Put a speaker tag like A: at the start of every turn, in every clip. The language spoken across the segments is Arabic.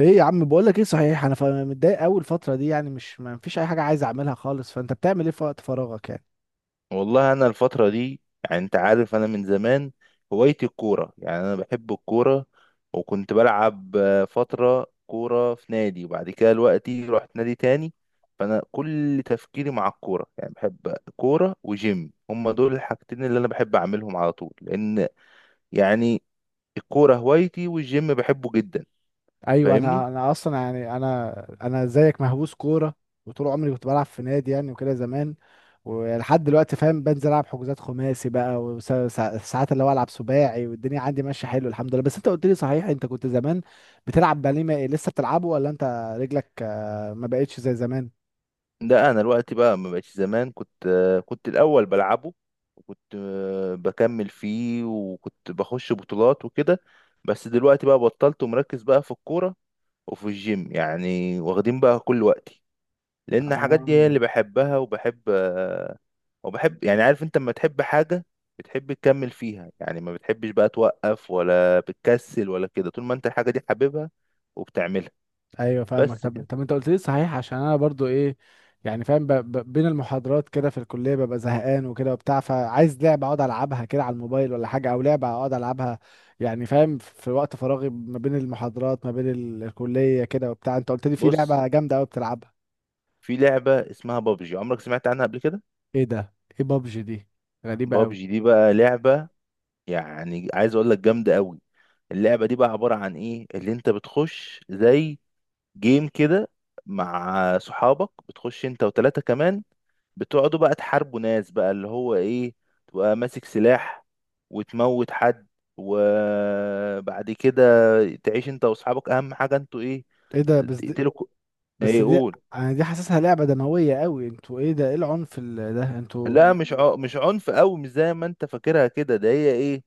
A: ايه يا عم، بقول لك ايه صحيح. انا متضايق قوي الفتره دي يعني، مش ما فيش اي حاجه عايز اعملها خالص. فانت بتعمل ايه في وقت فراغك يعني؟
B: والله انا الفتره دي، يعني انت عارف انا من زمان هوايتي الكوره، يعني انا بحب الكوره. وكنت بلعب فتره كوره في نادي، وبعد كده دلوقتي رحت نادي تاني. فانا كل تفكيري مع الكوره، يعني بحب كوره وجيم، هما دول الحاجتين اللي انا بحب اعملهم على طول. لان يعني الكوره هوايتي، والجيم بحبه جدا،
A: ايوه،
B: فاهمني؟
A: انا اصلا يعني، انا زيك مهووس كوره، وطول عمري كنت بلعب في نادي يعني وكده زمان، ولحد دلوقتي فاهم. بنزل العب حجوزات خماسي بقى، وساعات اللي هو العب سباعي، والدنيا عندي ماشيه حلو، الحمد لله. بس انت قلت لي صحيح، انت كنت زمان بتلعب باليه، لسه بتلعبه ولا انت رجلك ما بقتش زي زمان؟
B: ده انا دلوقتي بقى ما بقتش زمان. كنت كنت الاول بلعبه، وكنت بكمل فيه، وكنت بخش بطولات وكده. بس دلوقتي بقى بطلت، ومركز بقى في الكورة وفي الجيم، يعني واخدين بقى كل وقتي. لان الحاجات
A: اه.
B: دي هي اللي بحبها، وبحب يعني، عارف انت لما تحب حاجة بتحب تكمل فيها؟ يعني ما بتحبش بقى توقف، ولا بتكسل ولا كده، طول ما انت الحاجة دي حاببها وبتعملها.
A: ايوه فاهمك.
B: بس
A: طب
B: كده.
A: طب انت قلت لي صحيح، عشان انا برضو ايه يعني فاهم، بين المحاضرات كده في الكليه ببقى زهقان وكده وبتاع، فعايز لعبه اقعد العبها كده على الموبايل ولا حاجه، او لعبه اقعد العبها يعني فاهم، في وقت فراغي ما بين المحاضرات، ما بين الكليه كده وبتاع. انت قلت لي في
B: بص،
A: لعبه جامده قوي بتلعبها.
B: في لعبة اسمها بابجي، عمرك سمعت عنها قبل كده؟
A: ايه ده؟ ايه بابجي دي؟ غريبه قوي.
B: بابجي دي بقى لعبة، يعني عايز اقول لك جامدة قوي. اللعبة دي بقى عبارة عن ايه؟ اللي انت بتخش زي جيم كده مع صحابك، بتخش انت وتلاتة كمان، بتقعدوا بقى تحاربوا ناس، بقى اللي هو ايه، تبقى ماسك سلاح وتموت حد، وبعد كده تعيش انت واصحابك. اهم حاجة انتوا ايه،
A: ايه ده؟ بس دي
B: تقتلوا
A: بس
B: ايه
A: دي
B: قول.
A: انا دي حاسسها لعبه دمويه قوي. انتوا ايه ده؟ ايه العنف ده انتوا؟
B: لا، مش عنف قوي، مش زي ما انت فاكرها كده. ده هي إيه؟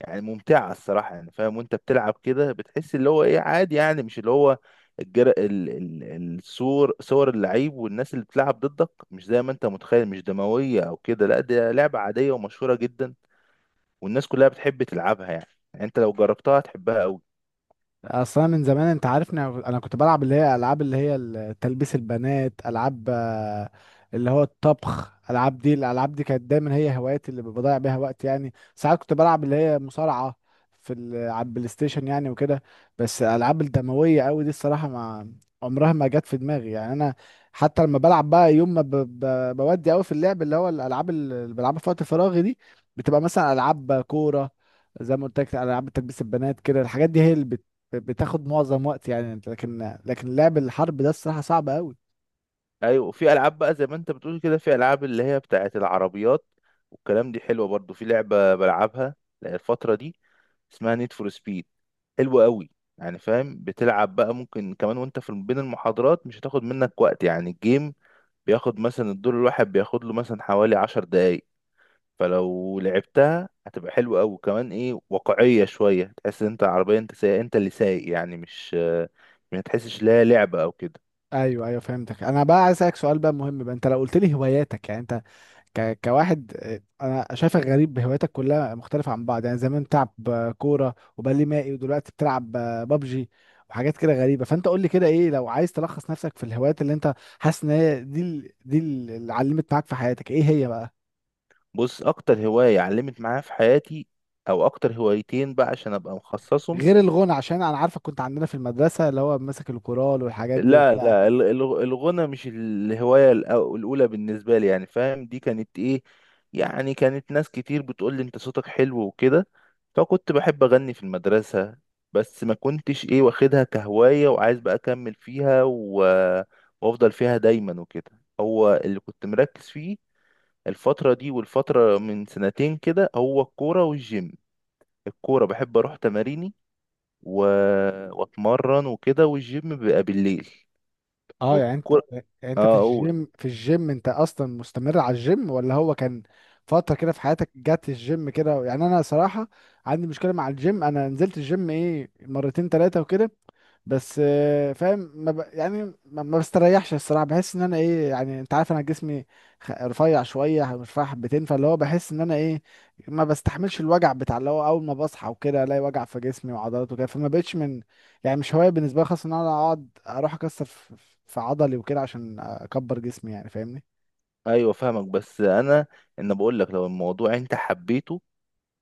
B: يعني ممتعة الصراحة، يعني فاهم وانت بتلعب كده بتحس اللي هو ايه، عادي، يعني مش اللي هو الجر... ال... الصور، صور اللعيب والناس اللي بتلعب ضدك مش زي ما انت متخيل، مش دموية او كده. لا، دي لعبة عادية ومشهورة جدا، والناس كلها بتحب تلعبها، يعني، يعني انت لو جربتها هتحبها قوي.
A: اصلا من زمان انت عارفني، انا أنا كنت بلعب اللي هي العاب اللي هي تلبيس البنات، العاب اللي هو الطبخ، العاب دي، الالعاب دي كانت دايما هي هواياتي اللي بضيع بيها وقت يعني. ساعات كنت بلعب اللي هي مصارعة على البلاي ستيشن يعني وكده. بس الالعاب الدموية قوي دي الصراحة ما عمرها ما جت في دماغي يعني. انا حتى لما بلعب بقى، يوم ما بودي قوي في اللعب، اللي هو الالعاب اللي بلعبها في وقت فراغي دي بتبقى مثلا العاب كورة، زي ما قلت لك، العاب تلبيس البنات كده. الحاجات دي هي اللي بتاخد معظم وقت يعني انت. لكن لعب الحرب ده الصراحه صعب قوي.
B: ايوه، وفي العاب بقى زي ما انت بتقول كده، في العاب اللي هي بتاعت العربيات والكلام، دي حلوه برضو. في لعبه بلعبها الفتره دي اسمها نيد فور سبيد، حلوه قوي. يعني فاهم، بتلعب بقى ممكن كمان وانت في بين المحاضرات، مش هتاخد منك وقت. يعني الجيم بياخد مثلا، الدور الواحد بياخد له مثلا حوالي 10 دقايق. فلو لعبتها هتبقى حلوه قوي، كمان ايه، واقعيه شويه، تحس ان انت العربيه، انت سايق، انت اللي سايق، يعني مش ما تحسش لا لعبه او كده.
A: ايوه ايوه فهمتك. انا بقى عايز اسالك سؤال بقى مهم بقى، انت لو قلت لي هواياتك يعني، انت كواحد انا شايفك غريب، هواياتك كلها مختلفه عن بعض يعني. زمان بتلعب كوره وبالي مائي، ودلوقتي بتلعب بابجي وحاجات كده غريبه. فانت قول لي كده، ايه لو عايز تلخص نفسك في الهوايات اللي انت حاسس ان هي دي اللي علمت معاك في حياتك، ايه هي بقى؟
B: بص، اكتر هواية علمت معايا في حياتي، او اكتر هوايتين بقى عشان ابقى مخصصهم.
A: غير الغنى، عشان انا عارفك كنت عندنا في المدرسه اللي هو ماسك الكورال والحاجات دي
B: لا
A: وبتاع.
B: لا، الغنى مش الهواية الاولى بالنسبة لي، يعني فاهم، دي كانت ايه، يعني كانت ناس كتير بتقول لي انت صوتك حلو وكده، فكنت بحب اغني في المدرسة، بس ما كنتش ايه واخدها كهواية وعايز بقى اكمل فيها، و... وافضل فيها دايما وكده. هو اللي كنت مركز فيه الفترة دي، والفترة من سنتين كده، هو الكورة والجيم. الكورة بحب أروح تماريني، و... وأتمرن وكده، والجيم بيبقى بالليل
A: اه، يعني انت
B: والكورة.
A: يعني انت في
B: آه أقول،
A: الجيم، انت اصلا مستمر على الجيم، ولا هو كان فترة كده في حياتك جت الجيم كده؟ يعني انا صراحة عندي مشكلة مع الجيم، انا نزلت الجيم ايه مرتين تلاتة وكده، بس فاهم، ما ب... يعني ما بستريحش الصراحة. بحس ان انا ايه يعني، انت عارف انا جسمي رفيع شوية، رفيع حبتين، فاللي هو بحس ان انا ايه ما بستحملش الوجع بتاع، اللي هو اول ما بصحى وكده الاقي وجع في جسمي وعضلات وكده، فما بقتش من يعني، مش هواية بالنسبة لي خالص ان انا اقعد اروح اكسر في عضلي وكده عشان اكبر جسمي يعني، فاهمني.
B: أيوة فاهمك. بس أنا إن بقول لك، لو الموضوع أنت حبيته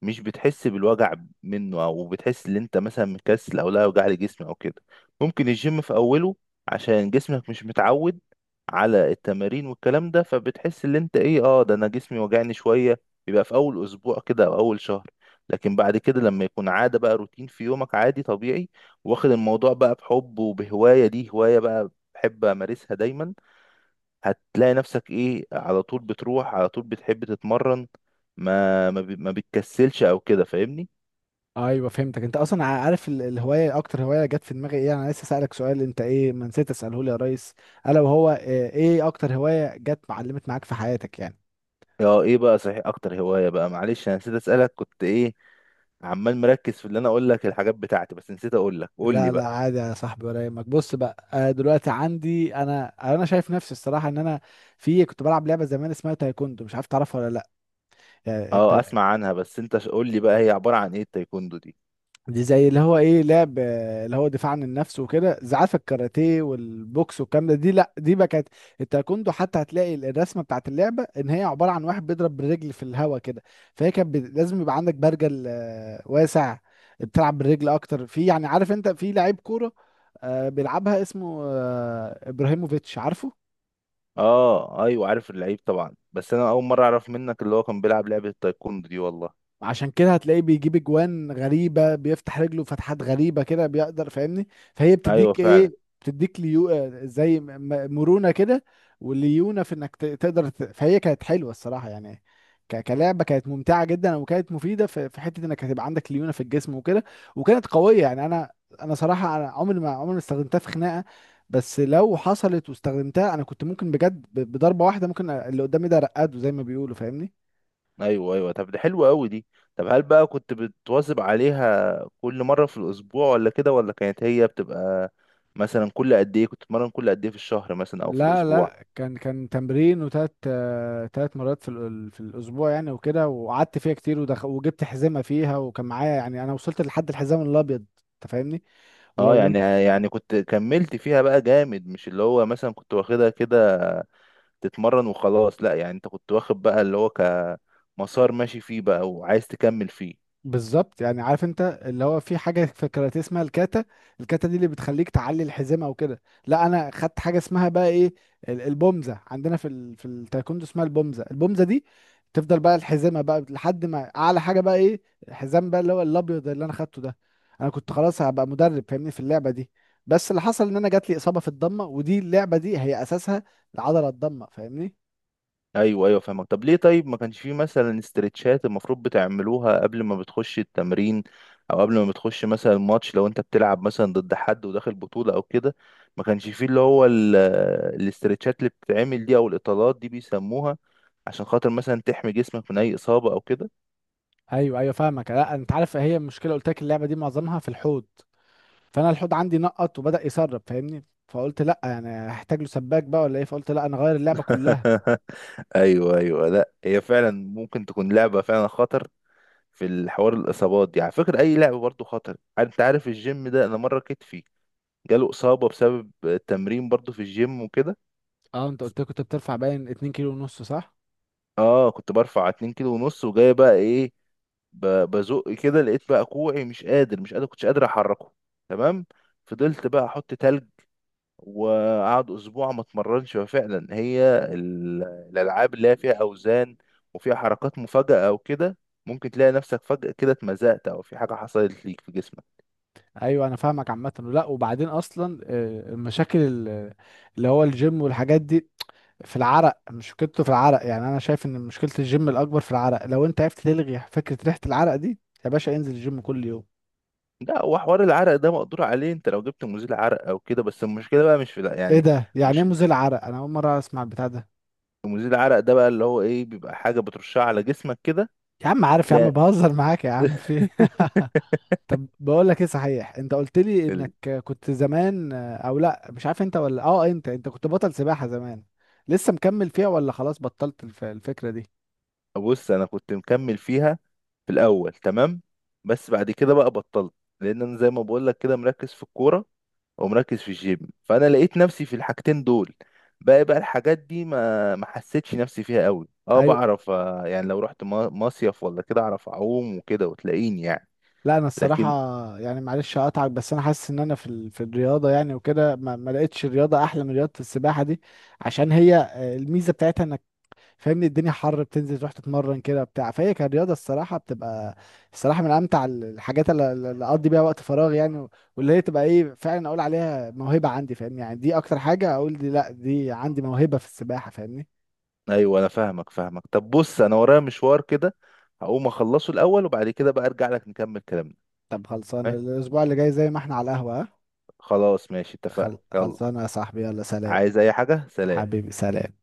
B: مش بتحس بالوجع منه، او بتحس ان انت مثلا مكسل او لا وجع لي جسمي او كده. ممكن الجيم في اوله، عشان جسمك مش متعود على التمارين والكلام ده، فبتحس ان انت ايه، اه ده انا جسمي وجعني شوية. بيبقى في اول اسبوع كده او اول شهر، لكن بعد كده لما يكون عادة بقى، روتين في يومك عادي طبيعي، واخد الموضوع بقى بحب وبهواية، دي هواية بقى بحب امارسها دايما، هتلاقي نفسك ايه، على طول بتروح، على طول بتحب تتمرن، ما بتكسلش او كده، فاهمني؟
A: ايوه فهمتك. انت اصلا عارف الهواية، اكتر هواية جت في دماغي ايه، انا لسه سألك سؤال انت ايه، ما نسيت اسأله لي يا ريس، الا وهو ايه اكتر هواية جت معلمت معاك في حياتك يعني؟
B: اه، ايه بقى صحيح، اكتر هواية بقى، معلش انا نسيت اسألك، كنت ايه عمال مركز في اللي انا اقول لك الحاجات بتاعتي، بس نسيت اقول لك، قول لي
A: لا لا،
B: بقى.
A: عادي يا صاحبي، ولا يهمك. بص بقى، دلوقتي عندي انا، شايف نفسي الصراحه ان انا في كنت بلعب لعبه زمان اسمها تايكوندو، مش عارف تعرفها ولا
B: اه،
A: لا؟
B: اسمع عنها، بس انت قول لي بقى هي عبارة عن ايه التايكوندو دي؟
A: دي زي اللي هو ايه لعب اللي هو دفاع عن النفس وكده، زعاف الكاراتيه والبوكس والكلام ده. دي لا، دي بقى كانت التايكوندو، حتى هتلاقي الرسمه بتاعت اللعبه ان هي عباره عن واحد بيضرب بالرجل في الهوا كده. فهي كانت لازم يبقى عندك برجل واسع، بتلعب بالرجل اكتر. في يعني عارف انت، في لعيب كوره بيلعبها اسمه ابراهيموفيتش عارفه.
B: اه ايوه، عارف اللعيب طبعا، بس انا اول مرة اعرف منك اللي هو كان بيلعب لعبة التايكوندو دي والله.
A: عشان كده هتلاقيه بيجيب اجوان غريبه، بيفتح رجله فتحات غريبه كده بيقدر فاهمني. فهي
B: ايوه
A: بتديك
B: فعلا.
A: ايه، بتديك ليو زي مرونه كده، وليونه في انك تقدر فهي كانت حلوه الصراحه يعني، كلعبه كانت ممتعه جدا، وكانت مفيده في حته انك هتبقى عندك ليونه في الجسم وكده. وكانت قويه يعني، انا صراحه، انا عمري ما استخدمتها في خناقه، بس لو حصلت واستخدمتها، انا كنت ممكن بجد بضربه واحده ممكن اللي قدامي ده رقاده زي ما بيقولوا فاهمني.
B: ايوه ايوه، طب ده حلو قوي دي. طب هل بقى كنت بتواظب عليها كل مره في الاسبوع، ولا كده، ولا كانت هي بتبقى مثلا كل قد ايه كنت تتمرن؟ كل قد ايه في الشهر مثلا او في
A: لا
B: الاسبوع؟
A: لا، كان تمرين وتلات تلات مرات في الاسبوع يعني وكده. وقعدت فيها كتير، وجبت حزمه فيها وكان معايا يعني، انا وصلت لحد الحزام الابيض انت فاهمني.
B: اه،
A: ولو
B: يعني كنت كملت فيها بقى جامد، مش اللي هو مثلا كنت واخدها كده تتمرن وخلاص. لا، يعني انت كنت واخد بقى اللي هو كمسار ماشي فيه بقى وعايز تكمل فيه.
A: بالظبط يعني، عارف انت اللي هو في حاجه في الكاراتيه اسمها الكاتا، الكاتا دي اللي بتخليك تعلي الحزام او كده. لا، انا خدت حاجه اسمها بقى ايه، البومزه، عندنا في التايكوندو اسمها البومزه. البومزه دي تفضل بقى الحزامه بقى لحد ما اعلى حاجه بقى ايه، الحزام بقى اللي هو الابيض اللي انا خدته ده. انا كنت خلاص هبقى مدرب فاهمني في اللعبه دي، بس اللي حصل ان انا جات لي اصابه في الضمه، ودي اللعبه دي هي اساسها العضله الضمه فاهمني.
B: ايوه ايوه فاهمك. طب ليه؟ طيب ما كانش فيه مثلا استرتشات المفروض بتعملوها قبل ما بتخش التمرين، او قبل ما بتخش مثلا ماتش لو انت بتلعب مثلا ضد حد وداخل بطولة او كده؟ ما كانش فيه اللي هو الاسترتشات اللي بتتعمل دي، او الاطالات دي بيسموها، عشان خاطر مثلا تحمي جسمك من اي اصابة او كده.
A: ايوه ايوه فاهمك. لا انت عارف، هي المشكله قلت لك اللعبه دي معظمها في الحوض، فانا الحوض عندي نقط وبدأ يسرب فاهمني، فقلت لا يعني هحتاج له سباك بقى ولا ايه، فقلت لا انا غير اللعبه كلها.
B: ايوه ايوه، لا هي فعلا ممكن تكون لعبة فعلا خطر في الحوار. الاصابات دي على فكرة اي لعبة برضو خطر، انت عارف الجيم ده، انا مرة كتفي جاله إصابة بسبب التمرين برضو في الجيم وكده.
A: اه انت قلت لي كنت بترفع باين 2 كيلو ونص صح؟
B: اه، كنت برفع 2 كيلو ونص، وجاي بقى ايه، بزق كده، لقيت بقى كوعي مش قادر، كنتش قادر احركه، تمام. فضلت بقى احط تلج، وقعد اسبوع ما اتمرنش. ففعلا هي الالعاب اللي هي فيها اوزان وفيها حركات مفاجأة او كده، ممكن تلاقي نفسك فجأة كده اتمزقت، او في حاجة حصلت ليك في جسمك.
A: ايوه انا فاهمك عامه. لا وبعدين اصلا المشاكل اللي هو الجيم والحاجات دي في العرق، مشكلته في العرق يعني، انا شايف ان مشكله الجيم الاكبر في العرق. لو انت عرفت تلغي فكره ريحه العرق دي، يا باشا انزل الجيم كل يوم.
B: لا، هو حوار العرق ده مقدور عليه، انت لو جبت مزيل عرق او كده، بس المشكلة بقى مش في، لا
A: ايه
B: يعني.
A: ده؟ يعني ايه
B: مش
A: مزيل عرق؟ انا اول مره اسمع البتاع ده.
B: مزيل العرق ده بقى اللي هو ايه، بيبقى حاجة بترشها على جسمك كده،
A: يا عم عارف يا
B: تلاقي
A: عم، بهزر معاك يا عم. في إيه؟ طب بقول لك ايه صحيح، انت قلت لي
B: ال-
A: انك كنت زمان، او لا مش عارف انت ولا اه، انت كنت بطل سباحة زمان، لسه مكمل فيها ولا خلاص بطلت الفكرة دي؟
B: بص، انا كنت مكمل فيها في الاول، تمام. بس بعد كده بقى بطلت، لان انا زي ما بقول لك كده مركز في الكورة، ومركز في الجيم، فانا لقيت نفسي في الحاجتين دول. باقي بقى الحاجات دي ما حسيتش نفسي فيها قوي. اه،
A: ايوه.
B: بعرف يعني لو رحت مصيف ولا كده، اعرف اعوم وكده، وتلاقيني يعني،
A: لا انا الصراحة
B: لكن.
A: يعني، معلش اقطعك، بس انا حاسس ان انا في الرياضة يعني وكده، ما لقيتش الرياضة احلى من رياضة السباحة دي. عشان هي الميزة بتاعتها انك فاهمني، الدنيا حر بتنزل تروح تتمرن كده بتاع، فهي كرياضة الصراحة بتبقى الصراحة من أمتع الحاجات اللي أقضي بيها وقت فراغ يعني، واللي هي تبقى إيه فعلا أقول عليها موهبة عندي فاهمني يعني، دي أكتر حاجة أقول دي لأ، دي عندي موهبة في السباحة فاهمني.
B: ايوه، انا فاهمك. طب بص، انا ورايا مشوار كده، هقوم اخلصه الاول، وبعد كده بقى ارجع لك نكمل كلامنا.
A: طب خلصانة
B: ماشي؟
A: الأسبوع اللي جاي زي ما إحنا على القهوة ها؟
B: خلاص ماشي، اتفقنا، يلا.
A: خلصانة يا صاحبي، يلا سلام.
B: عايز اي حاجة؟ سلام.
A: حبيبي سلام.